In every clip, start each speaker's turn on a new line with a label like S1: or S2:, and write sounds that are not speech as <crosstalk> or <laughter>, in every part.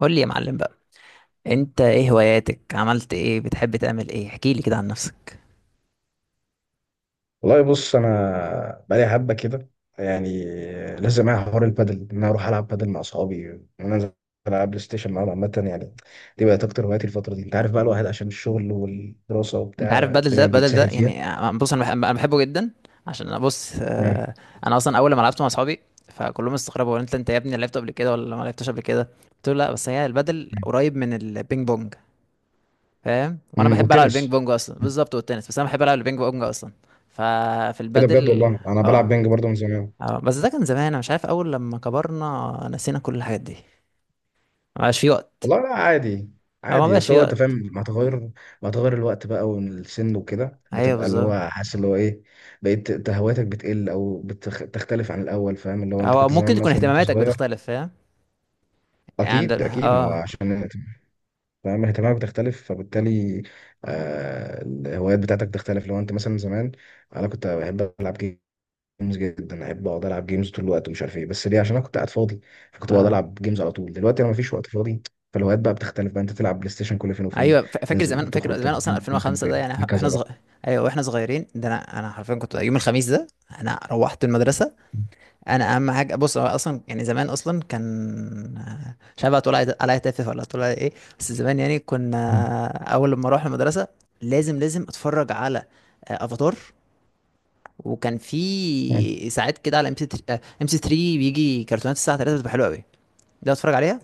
S1: قول لي يا معلم بقى. انت ايه هواياتك؟ عملت ايه؟ بتحب تعمل ايه؟ احكي لي كده عن نفسك.
S2: والله بص انا بقالي حبه كده، يعني لازم معايا حوار البادل ان انا اروح العب بادل مع اصحابي وان انا انزل العب بلاي ستيشن معاهم. عامه يعني دي بقت اكتر هواياتي الفتره دي. انت عارف بقى الواحد عشان الشغل والدراسه
S1: انت عارف
S2: وبتاع
S1: بدل ده
S2: الدنيا
S1: بدل ده
S2: بيتسهل فيها.
S1: يعني، بص انا انا بحبه جدا، عشان انا بص،
S2: امم
S1: انا اصلا اول ما لعبت مع اصحابي فكلهم استغربوا، هو انت يا ابني لعبت قبل كده ولا ما لعبتش قبل كده؟ قلت له لا، بس هي البدل قريب من البينج بونج، فاهم؟ وانا
S2: أمم.
S1: بحب العب البينج
S2: والتنس
S1: بونج اصلا بالظبط، والتنس، بس انا بحب العب البينج بونج اصلا. ففي
S2: كده بجد
S1: البدل.
S2: والله. انا
S1: اه
S2: بلعب بينج برضه من زمان.
S1: اه، بس ده كان زمان، انا مش عارف، اول لما كبرنا نسينا كل الحاجات دي، ما بقاش في وقت.
S2: والله لا عادي
S1: اه، ما
S2: عادي،
S1: بقاش
S2: بس
S1: في
S2: هو انت
S1: وقت.
S2: فاهم مع تغير، مع تغير الوقت بقى والسن وكده
S1: ايوه
S2: بتبقى اللي
S1: بالظبط،
S2: هو حاسس اللي هو ايه، بقيت انت هواياتك بتقل او بتختلف عن الاول. فاهم اللي هو انت
S1: او
S2: كنت
S1: ممكن
S2: زمان
S1: تكون
S2: مثلا وانت
S1: اهتماماتك
S2: صغير.
S1: بتختلف، فاهم؟ يعني عند
S2: اكيد اكيد، ما هو
S1: اه.
S2: عشان فاهم اهتمامك بتختلف، فبالتالي آه الهوايات بتاعتك بتختلف. لو انت مثلا زمان، انا كنت بحب العب جيمز جدا، احب اقعد العب جيمز طول الوقت ومش عارف ايه، بس ليه؟ عشان انا كنت قاعد فاضي، فكنت بقعد
S1: اه
S2: العب جيمز على طول. دلوقتي انا مفيش وقت فاضي، فالهوايات بقى بتختلف بقى. انت تلعب بلاي ستيشن كل فين وفين،
S1: ايوه، فاكر
S2: تنزل
S1: زمان،
S2: تخرج تلعب
S1: اصلا
S2: بينج كل فين
S1: 2005
S2: وفين،
S1: ده يعني احنا
S2: هكذا بقى.
S1: صغير. ايوه واحنا صغيرين ده، انا حرفيا كنت يوم الخميس ده، انا روحت المدرسه. انا اهم حاجه، بص، هو اصلا يعني زمان اصلا كان، مش عارف هتقول عليا تافه ولا هتقول عليا ايه، بس زمان يعني كنا اول لما اروح المدرسه لازم اتفرج على افاتار. وكان
S2: مم.
S1: في ساعات كده على ام سي، ام سي 3، بيجي كرتونات الساعه 3 بتبقى حلوه قوي، ده اتفرج عليها،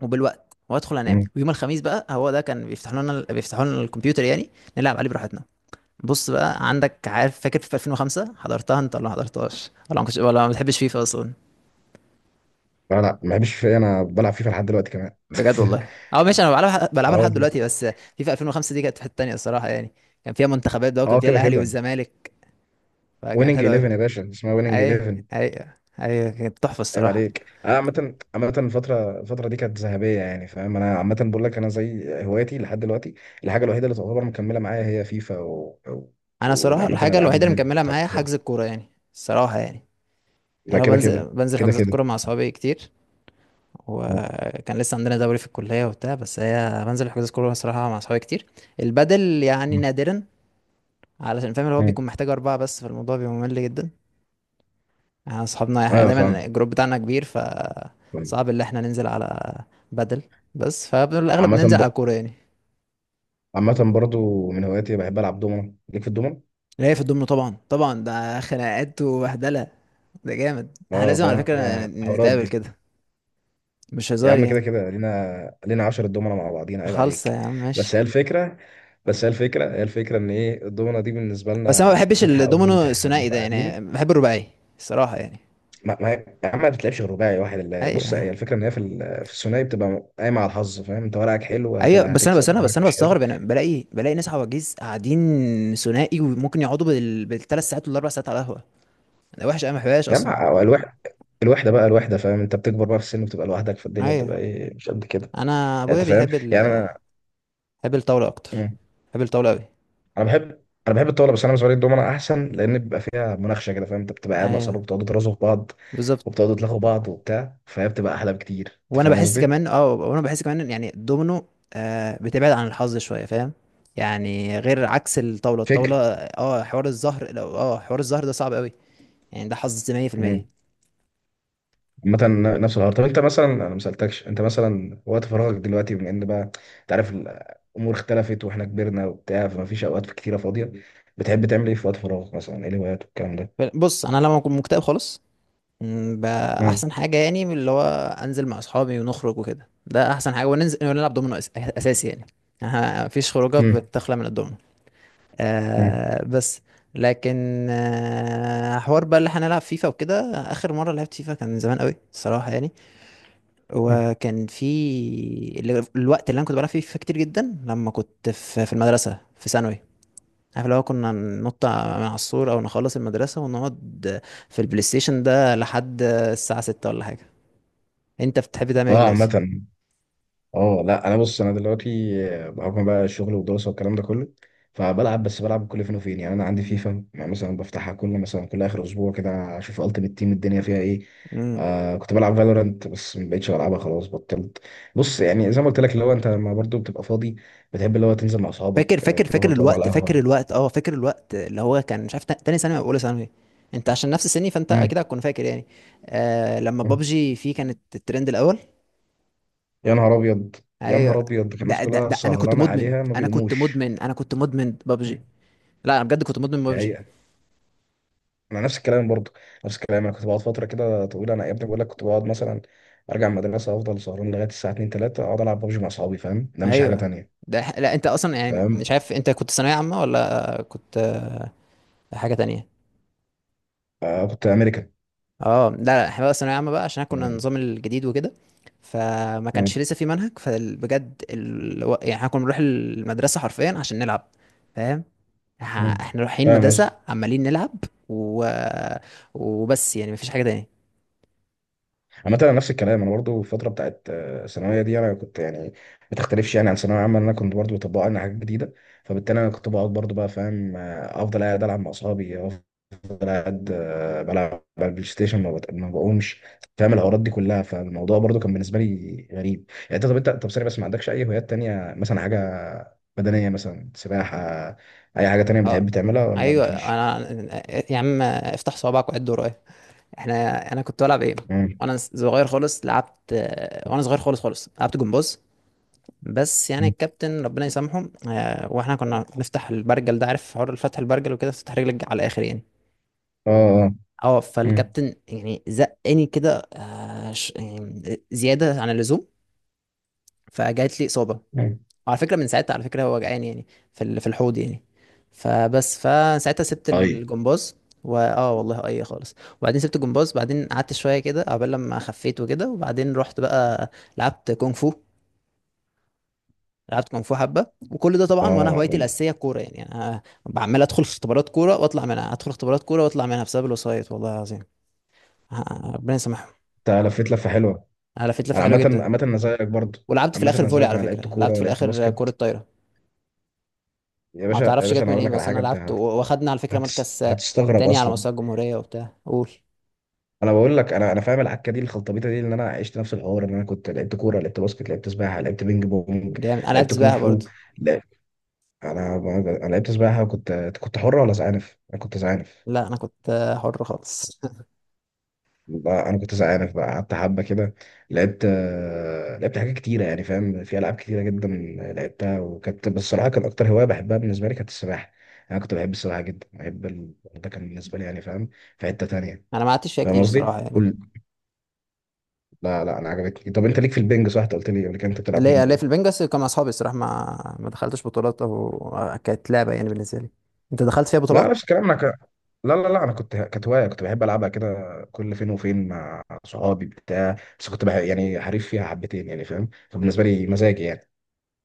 S1: وبالوقت وادخل انام.
S2: امم
S1: ويوم الخميس بقى هو ده كان بيفتحوا لنا الكمبيوتر، يعني نلعب عليه براحتنا. بص بقى عندك، عارف فاكر في 2005، حضرتها انت ولا ما حضرتهاش ولا ما كنتش ولا ما بتحبش فيفا اصلا؟
S2: لا لا، ما بحبش فيه، انا بلعب فيفا لحد دلوقتي كمان
S1: بجد والله؟
S2: <laughs>
S1: اه ماشي، انا بلعبها،
S2: اه
S1: لحد
S2: والله.
S1: دلوقتي، بس فيفا 2005 دي كانت في حته تانيه الصراحه يعني، كان فيها منتخبات بقى وكان
S2: اه
S1: فيها
S2: كده
S1: الاهلي
S2: كده.
S1: والزمالك، فكانت
S2: ويننج
S1: حلوه قوي.
S2: 11 يا باشا، اسمها ويننج
S1: اي
S2: 11.
S1: اي، اي كانت تحفه
S2: عيب
S1: الصراحه.
S2: عليك. انا عامه عامه الفتره الفتره دي كانت ذهبيه يعني، فاهم؟ انا عامه بقول لك انا زي هوايتي لحد دلوقتي، الحاجه الوحيده اللي تعتبر مكمله معايا هي فيفا و... و...
S1: انا صراحه
S2: وعامه
S1: الحاجه
S2: الالعاب
S1: الوحيده
S2: اللي
S1: اللي
S2: هي
S1: مكمله
S2: بتاعت
S1: معايا حجز
S2: الكوره.
S1: الكوره يعني، الصراحه يعني.
S2: ده
S1: يعني هو
S2: كده
S1: بنزل
S2: كده،
S1: بنزل
S2: كده
S1: حجوزات
S2: كده.
S1: كوره مع اصحابي كتير،
S2: آه.
S1: وكان لسه عندنا دوري في الكلية وبتاع، بس هي بنزل الحجوزات كورة صراحة مع صحابي كتير. البدل يعني
S2: آه.
S1: نادرا، علشان فاهم اللي هو
S2: آه.
S1: بيكون محتاج أربعة بس، فالموضوع بيبقى ممل جدا يعني. أصحابنا يعني
S2: ايوه فاهم.
S1: دايما الجروب بتاعنا كبير، ف
S2: فاهم.
S1: صعب اللي احنا ننزل على بدل، بس فالأغلب
S2: عامه
S1: ننزل
S2: ب...
S1: على كورة يعني.
S2: عامه برضو من هواياتي بحب العب دومنه، ليك في الدومنه؟
S1: اللي هي في الضمن، طبعا طبعا، ده خناقات وبهدلة، ده جامد، احنا
S2: اه
S1: لازم على
S2: فاهم،
S1: فكرة
S2: الحوارات
S1: نتقابل
S2: دي.
S1: كده، مش
S2: يا
S1: هزار
S2: عم كده
S1: يعني.
S2: كده، لينا 10 دومنة مع بعضينا، عيب
S1: خالصة يا
S2: عليك.
S1: عم،
S2: بس
S1: ماشي.
S2: هي الفكرة بس هي الفكرة هي الفكرة ان ايه، الدومنة دي بالنسبة
S1: بس انا ما
S2: لنا
S1: بحبش
S2: قصتها قوي.
S1: الدومينو
S2: احنا
S1: الثنائي
S2: بنبقى
S1: ده،
S2: قاعدين.
S1: يعني بحب الرباعي الصراحة يعني.
S2: ما يا عم، ما بتلعبش غير رباعي واحد اللي بص،
S1: ايوه
S2: هي الفكرة ان هي في في الثنائي بتبقى قايمة على الحظ. فاهم؟ انت ورقك حلو
S1: ايوه، بس انا بس
S2: هتكسب،
S1: انا بس
S2: ورقك
S1: انا
S2: مش حلو
S1: بستغرب، انا بلاقي ناس عواجيز قاعدين ثنائي وممكن يقعدوا بالثلاث ساعات والاربع ساعات على القهوه، انا وحش، انا ما بحبهاش
S2: يا عم
S1: اصلا.
S2: أو الوحدة. الوحدة بقى، الوحدة، فاهم؟ انت بتكبر بقى في السن وبتبقى لوحدك في الدنيا،
S1: ايوه
S2: بتبقى ايه مش قد كده.
S1: انا ابويا
S2: انت فاهم
S1: بيحب
S2: يعني انا.
S1: بيحب الطاوله اكتر،
S2: مم.
S1: بيحب الطاوله قوي.
S2: انا بحب الطاوله، بس انا بالنسبه لي الدومنه احسن لان بيبقى فيها مناقشه كده. فاهم؟ انت بتبقى قاعد مع اصحابك،
S1: ايوه
S2: بتقعدوا ترازوا في بعض
S1: بالظبط.
S2: وبتقعدوا تلاقوا بعض وبتاع، فهي بتبقى احلى بكتير. انت
S1: وانا
S2: فاهم
S1: بحس
S2: قصدي؟
S1: كمان اه وانا بحس كمان إن يعني الدومينو، آه، بتبعد عن الحظ شويه، فاهم؟ يعني غير عكس الطاوله،
S2: فكر.
S1: الطاوله اه حوار الزهر لو اه حوار الزهر ده صعب قوي يعني، ده حظ
S2: مم.
S1: 100%.
S2: عامة نفس الحوار، طب انت مثلا، انا ما سالتكش، انت مثلا وقت فراغك دلوقتي بما ان بقى انت عارف الامور اختلفت واحنا كبرنا وبتاع، فما فيش اوقات كتيره فاضيه، بتحب تعمل ايه في وقت فراغك؟ مثلا، ايه الهوايات والكلام ده؟
S1: بص، انا لما اكون مكتئب خالص، بقى
S2: مم.
S1: احسن حاجه يعني من اللي هو انزل مع اصحابي ونخرج وكده، ده احسن حاجه، وننزل ونلعب دومينو اساسي يعني. آه، مفيش خروجه
S2: مم.
S1: بتخلى من الدومينو.
S2: مم.
S1: آه بس، لكن آه حوار بقى اللي هنلعب فيفا وكده، اخر مره لعبت فيفا كان من زمان قوي الصراحه يعني،
S2: مم.
S1: وكان في الوقت اللي انا كنت بلعب فيه فيفا كتير جدا لما كنت في المدرسه في ثانوي، عارف لو كنا ننط من على السور او نخلص المدرسه ونقعد في البلاي ستيشن ده لحد الساعه 6 ولا حاجه. انت بتحب تعمل ايه
S2: اه عامة،
S1: دلوقتي؟
S2: اه لا انا بص انا دلوقتي بحكم بقى الشغل والدراسه والكلام ده كله، فبلعب، بس بلعب كل فين وفين يعني. انا عندي فيفا، يعني مثلا بفتحها كل مثلا كل اخر اسبوع كده، اشوف التيمت تيم الدنيا فيها ايه.
S1: امم.
S2: آه كنت بلعب فالورانت بس ما بقتش بلعبها، خلاص بطلت. بص يعني زي ما قلت لك، اللي هو انت لما برضه بتبقى فاضي، بتحب اللي هو تنزل مع
S1: فاكر
S2: اصحابك،
S1: فاكر فاكر
S2: تروحوا تقعدوا على
S1: الوقت فاكر
S2: القهوه.
S1: الوقت اه فاكر الوقت اللي هو كان، مش عارف، تاني ثانوي او اولى ثانوي، انت عشان نفس سني فانت
S2: مم.
S1: اكيد هتكون فاكر يعني. آه لما
S2: مم.
S1: بابجي فيه كانت الترند الاول.
S2: يا نهار ابيض، يا
S1: ايوه.
S2: نهار ابيض، الناس
S1: ده ده
S2: كلها
S1: ده انا كنت
S2: سهرانه
S1: مدمن
S2: عليها ما
S1: انا كنت
S2: بيقوموش.
S1: مدمن انا كنت مدمن
S2: مم.
S1: بابجي، لا انا بجد كنت مدمن
S2: دي
S1: بابجي.
S2: حقيقة. انا نفس الكلام برضه، نفس الكلام. انا كنت بقعد فتره كده طويله، انا يا ابني بقول لك كنت بقعد مثلا ارجع من المدرسه، افضل سهران لغايه الساعه 2 3، اقعد العب ببجي مع اصحابي. فاهم؟ ده مش حاجه
S1: ايوه
S2: تانية.
S1: ده لا، انت اصلا يعني
S2: فاهم،
S1: مش عارف انت كنت ثانويه عامه ولا كنت حاجه تانية؟
S2: آه كنت امريكان.
S1: اه لا لا، احنا بقى ثانوية عامة بقى عشان كنا
S2: م-
S1: النظام الجديد وكده، فما كانش
S2: م-
S1: لسه في منهج، فبجد يعني احنا كنا بنروح المدرسة حرفيا عشان نلعب، فاهم؟
S2: م.
S1: احنا رايحين
S2: فاهم
S1: مدرسة
S2: قصدي.
S1: عمالين نلعب و... وبس، يعني مفيش حاجة تاني.
S2: عامة انا نفس الكلام، انا برضه الفتره بتاعت الثانويه دي انا كنت يعني ما تختلفش يعني عن ثانويه عامه، إن انا كنت برضه بطبق لنا حاجات جديده، فبالتالي انا كنت بقعد برضه بقى. فاهم؟ افضل قاعد العب مع اصحابي، أنا قاعد بلعب على البلاي ستيشن، ما بقومش. فاهم الحوارات دي كلها؟ فالموضوع برضو كان بالنسبه لي غريب يعني. انت طب انت طب ثانيه، بس ما عندكش اي هوايات تانية؟ مثلا حاجه بدنيه، مثلا سباحه، اي حاجه تانية
S1: اه
S2: بتحب تعملها ولا
S1: ايوه
S2: مفيش؟
S1: انا، يا عم افتح صوابعك وعد ورايا. احنا، انا كنت بلعب ايه،
S2: مم.
S1: وانا صغير خالص لعبت، وانا صغير خالص خالص لعبت جمباز، بس يعني الكابتن ربنا يسامحه، آه، واحنا كنا بنفتح البرجل ده، عارف حوار فتح البرجل وكده، تفتح رجلك على الاخر يعني،
S2: اه اه.
S1: اه
S2: مم.
S1: فالكابتن يعني زقني كده، يعني زياده عن اللزوم، فجات لي اصابه.
S2: مم.
S1: وعلى فكره، من ساعتها على فكره هو وجعان يعني في في الحوض يعني، فبس فساعتها سبت
S2: اي
S1: الجمباز. واه والله اي خالص. وبعدين سبت الجمباز، بعدين قعدت شويه كده قبل لما خفيت وكده، وبعدين رحت بقى لعبت كونغ فو لعبت كونغ فو حبه. وكل ده طبعا، وانا
S2: اه.
S1: هوايتي الاساسيه الكوره يعني، انا بعمل ادخل في اختبارات كوره واطلع منها، بسبب الوسايط، والله العظيم، آه، ربنا يسامحهم.
S2: انت لفيت لفه حلوه.
S1: انا لفيت
S2: انا
S1: لفه حلوه
S2: عامه
S1: جدا،
S2: عامه انا زيك برضو.
S1: ولعبت في
S2: عامه
S1: الاخر
S2: انا
S1: فولي،
S2: زيك،
S1: على
S2: انا لعبت
S1: فكره
S2: كوره
S1: لعبت في
S2: ولعبت
S1: الاخر كره
S2: باسكت.
S1: طايره،
S2: يا
S1: ما
S2: باشا يا
S1: تعرفش
S2: باشا،
S1: جت
S2: انا
S1: من
S2: هقول
S1: ايه،
S2: لك على
S1: بس انا
S2: حاجه، انت
S1: لعبت واخدنا على فكره مركز آه،
S2: هتستغرب
S1: تاني على
S2: اصلا.
S1: مستوى الجمهوريه وبتاع، قول.
S2: انا بقول لك، انا فاهم العكه دي، الخلطبيطه دي، ان انا عشت نفس الحوار. ان انا كنت لعبت كوره، لعبت باسكت، لعبت سباحه، لعبت بينج بونج،
S1: جامد، انا لعبت
S2: لعبت كونغ
S1: سباحه
S2: فو.
S1: برضه.
S2: لا. انا انا لعبت سباحه، وكنت كنت حر ولا زعانف؟ انا كنت زعانف.
S1: لا انا كنت حر خالص.
S2: انا كنت زعانف بقى، قعدت حبه كده. لعبت لعبت حاجات كتيره يعني. فاهم، في العاب كتيره جدا لعبتها، وكانت بس الصراحه كان اكتر هوايه بحبها بالنسبه لي كانت السباحه. انا كنت بحب السباحه جدا، بحب ال... ده كان بالنسبه لي يعني، فاهم، في حته تانيه.
S1: <laughs> انا ما قعدتش فيها
S2: فاهم
S1: كتير
S2: قصدي
S1: الصراحه يعني.
S2: كل... لا لا انا عجبتني. طب انت ليك في البنج صح؟ انت قلت لي قبل كده انت بتلعب
S1: ليه
S2: بينج
S1: ليه في
S2: بونج.
S1: البنجاس كان مع اصحابي الصراحه، ما دخلتش بطولات او، كانت لعبه يعني بالنسبه لي. انت دخلت فيها
S2: لا
S1: بطولات؟
S2: نفس الكلام، انا لا لا لا انا كنت، كانت هوايه كنت بحب العبها كده كل فين وفين مع صحابي بتاع بس كنت بح... يعني حريف فيها حبتين يعني، فاهم؟ فبالنسبه لي مزاجي يعني.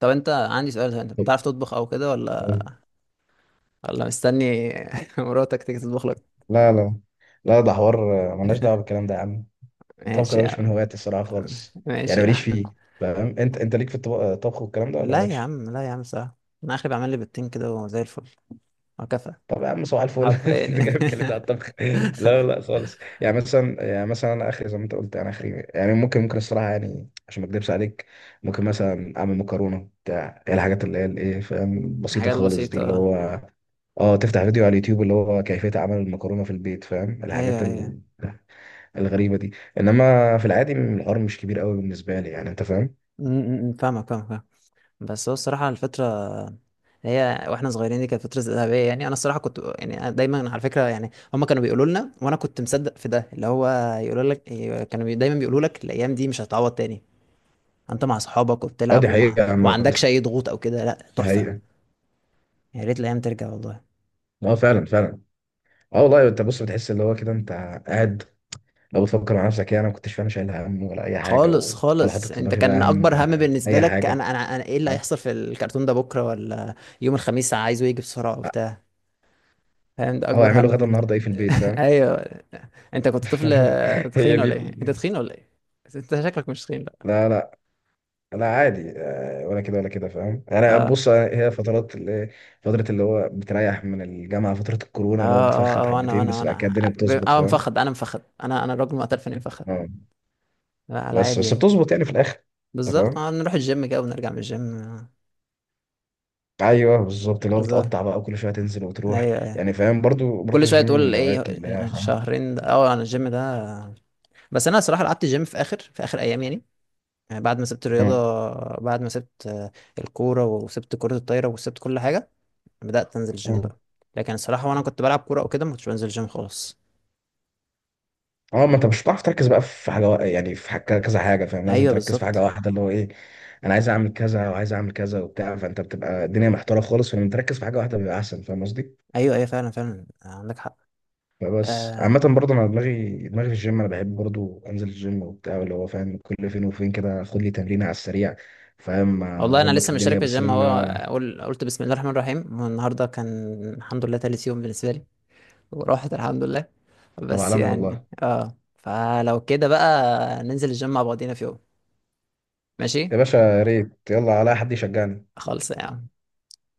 S1: طب انت، عندي سؤال، انت بتعرف تطبخ او كده
S2: طب.
S1: ولا، ولا مستني <laughs> مراتك تيجي تطبخ لك؟
S2: لا لا لا، ده حوار ملناش دعوه بالكلام ده يا عم. الطبخ
S1: ماشي
S2: ده
S1: يا
S2: مش من
S1: عم
S2: هواياتي الصراحه خالص،
S1: ماشي
S2: يعني
S1: يا
S2: ماليش
S1: عم.
S2: فيه. فاهم انت، انت ليك في الطبخ، الطبخ والكلام ده، ولا مالكش؟
S1: لا يا عم، صح، انا اخري بعمل لي بيضتين كده وزي الفل، وكفى.
S2: طب يا عم صباح الفل <laughs>
S1: حرفيا
S2: انت جاي
S1: يعني
S2: بتكلمني على
S1: <laughs>
S2: الطبخ؟ لا لا خالص، يعني مثلا، يعني مثلا انا اخري زي ما انت قلت، يعني اخري يعني ممكن الصراحه يعني، عشان ما اكدبش عليك، ممكن مثلا اعمل مكرونه بتاع هي الحاجات اللي هي الايه، فاهم، بسيطه
S1: الحاجات
S2: خالص دي، اللي
S1: البسيطه.
S2: هو اه تفتح فيديو على اليوتيوب اللي هو كيفيه عمل المكرونه في البيت. فاهم،
S1: ايوه
S2: الحاجات
S1: ايوه.
S2: الغريبه دي. انما في العادي الحوار مش كبير قوي بالنسبه لي يعني. انت فاهم؟
S1: م- م- م، فاهمك، فاهمك. بس هو الصراحه، الفتره هي واحنا صغيرين دي كانت فتره ذهبيه يعني، انا الصراحه كنت يعني، أنا دايما على فكره يعني هم كانوا بيقولوا لنا وانا كنت مصدق في ده اللي هو، يقولوا لك إيه، دايما بيقولوا لك الايام دي مش هتعوض تاني، انت مع اصحابك
S2: اه
S1: وبتلعب
S2: دي
S1: ومع
S2: حقيقه
S1: وما
S2: عامه،
S1: عندكش اي ضغوط او كده، لا
S2: دي
S1: تحفه.
S2: حقيقه.
S1: يا ريت الايام ترجع والله.
S2: اه فعلا فعلا. اه والله. انت بص بتحس اللي هو كده انت قاعد، لو بتفكر مع نفسك يعني انا ما كنتش فعلا شايل هم ولا اي حاجه،
S1: خالص
S2: و... ولا
S1: خالص
S2: حاطط في
S1: انت،
S2: دماغي
S1: كان
S2: بقى هم
S1: اكبر هم بالنسبه
S2: اي
S1: لك،
S2: حاجه.
S1: أنا ايه اللي
S2: فاهم،
S1: هيحصل في الكرتون ده بكره، ولا يوم الخميس عايزه يجي بسرعه وبتاع، فاهم؟ ده
S2: او
S1: اكبر هم
S2: اعملوا غدا النهارده ايه في البيت.
S1: <laughs>
S2: فاهم
S1: ايوه. انت كنت طفل
S2: <laughs> هي
S1: تخين
S2: دي
S1: ولا ايه؟
S2: ال...
S1: بس انت شكلك مش تخين بقى.
S2: لا لا. لا عادي ولا كده ولا كده. فاهم، انا
S1: اه
S2: بص هي فترات اللي فتره اللي هو بتريح من الجامعه، فتره
S1: اه
S2: الكورونا اللي هو
S1: اه
S2: بتفخد
S1: اه انا
S2: حبتين،
S1: انا
S2: بس بعد كده الدنيا
S1: انا
S2: بتظبط.
S1: اه
S2: فاهم؟
S1: مفخد، انا الراجل معترف اني مفخد،
S2: اه
S1: لا على
S2: بس
S1: عادي
S2: بس
S1: يعني.
S2: بتظبط يعني في الاخر. انت
S1: بالظبط
S2: فاهم،
S1: آه، نروح الجيم كده ونرجع من الجيم
S2: ايوه بالظبط، اللي هو
S1: بالظبط.
S2: بتقطع بقى وكل شويه تنزل وتروح.
S1: ايوه ايوه.
S2: يعني فاهم، برضو برضو
S1: كل شويه
S2: الجيم من
S1: تقول
S2: الهوايات
S1: ايه،
S2: اللي هي فاهم.
S1: شهرين ده؟ اه انا الجيم ده، بس انا صراحه قعدت الجيم في اخر، ايام يعني، يعني بعد ما سبت الرياضه، بعد ما سبت الكوره وسبت كره الطايره وسبت كل حاجه، بدأت أنزل جيم
S2: مم.
S1: بقى. لكن الصراحة وأنا كنت بلعب كورة أو كده، ما كنتش بنزل جيم خالص.
S2: اه، ما انت مش هتعرف تركز بقى في حاجه يعني في حاجة كذا حاجه. فاهم، لازم
S1: أيوه
S2: تركز في حاجه
S1: بالظبط.
S2: واحده اللي هو ايه. انا عايز اعمل كذا وعايز اعمل كذا وبتاع، فانت بتبقى الدنيا محتاره خالص، فلما تركز في حاجه واحده بيبقى احسن. فاهم قصدي؟
S1: أيوه أيوه، فعلا عندك حق.
S2: فبس عامه
S1: آه
S2: برضه انا دماغي في الجيم. انا بحب برضه انزل الجيم وبتاع، اللي هو فاهم كل فين وفين كده اخد لي تمرينه على السريع، فاهم،
S1: والله أنا
S2: اظبط
S1: لسه مشترك
S2: الدنيا،
S1: في
S2: بس
S1: الجيم، هو
S2: لما.
S1: أقول قلت بسم الله الرحمن الرحيم، والنهاردة كان الحمد لله تالت يوم بالنسبة لي، وراحت الحمد لله،
S2: طب
S1: بس
S2: عالمي
S1: يعني
S2: والله.
S1: اه فلو كده بقى ننزل الجيم مع بعضينا في يوم. ماشي.
S2: يا باشا يا ريت، يلا على حد يشجعني.
S1: خالص يا عم.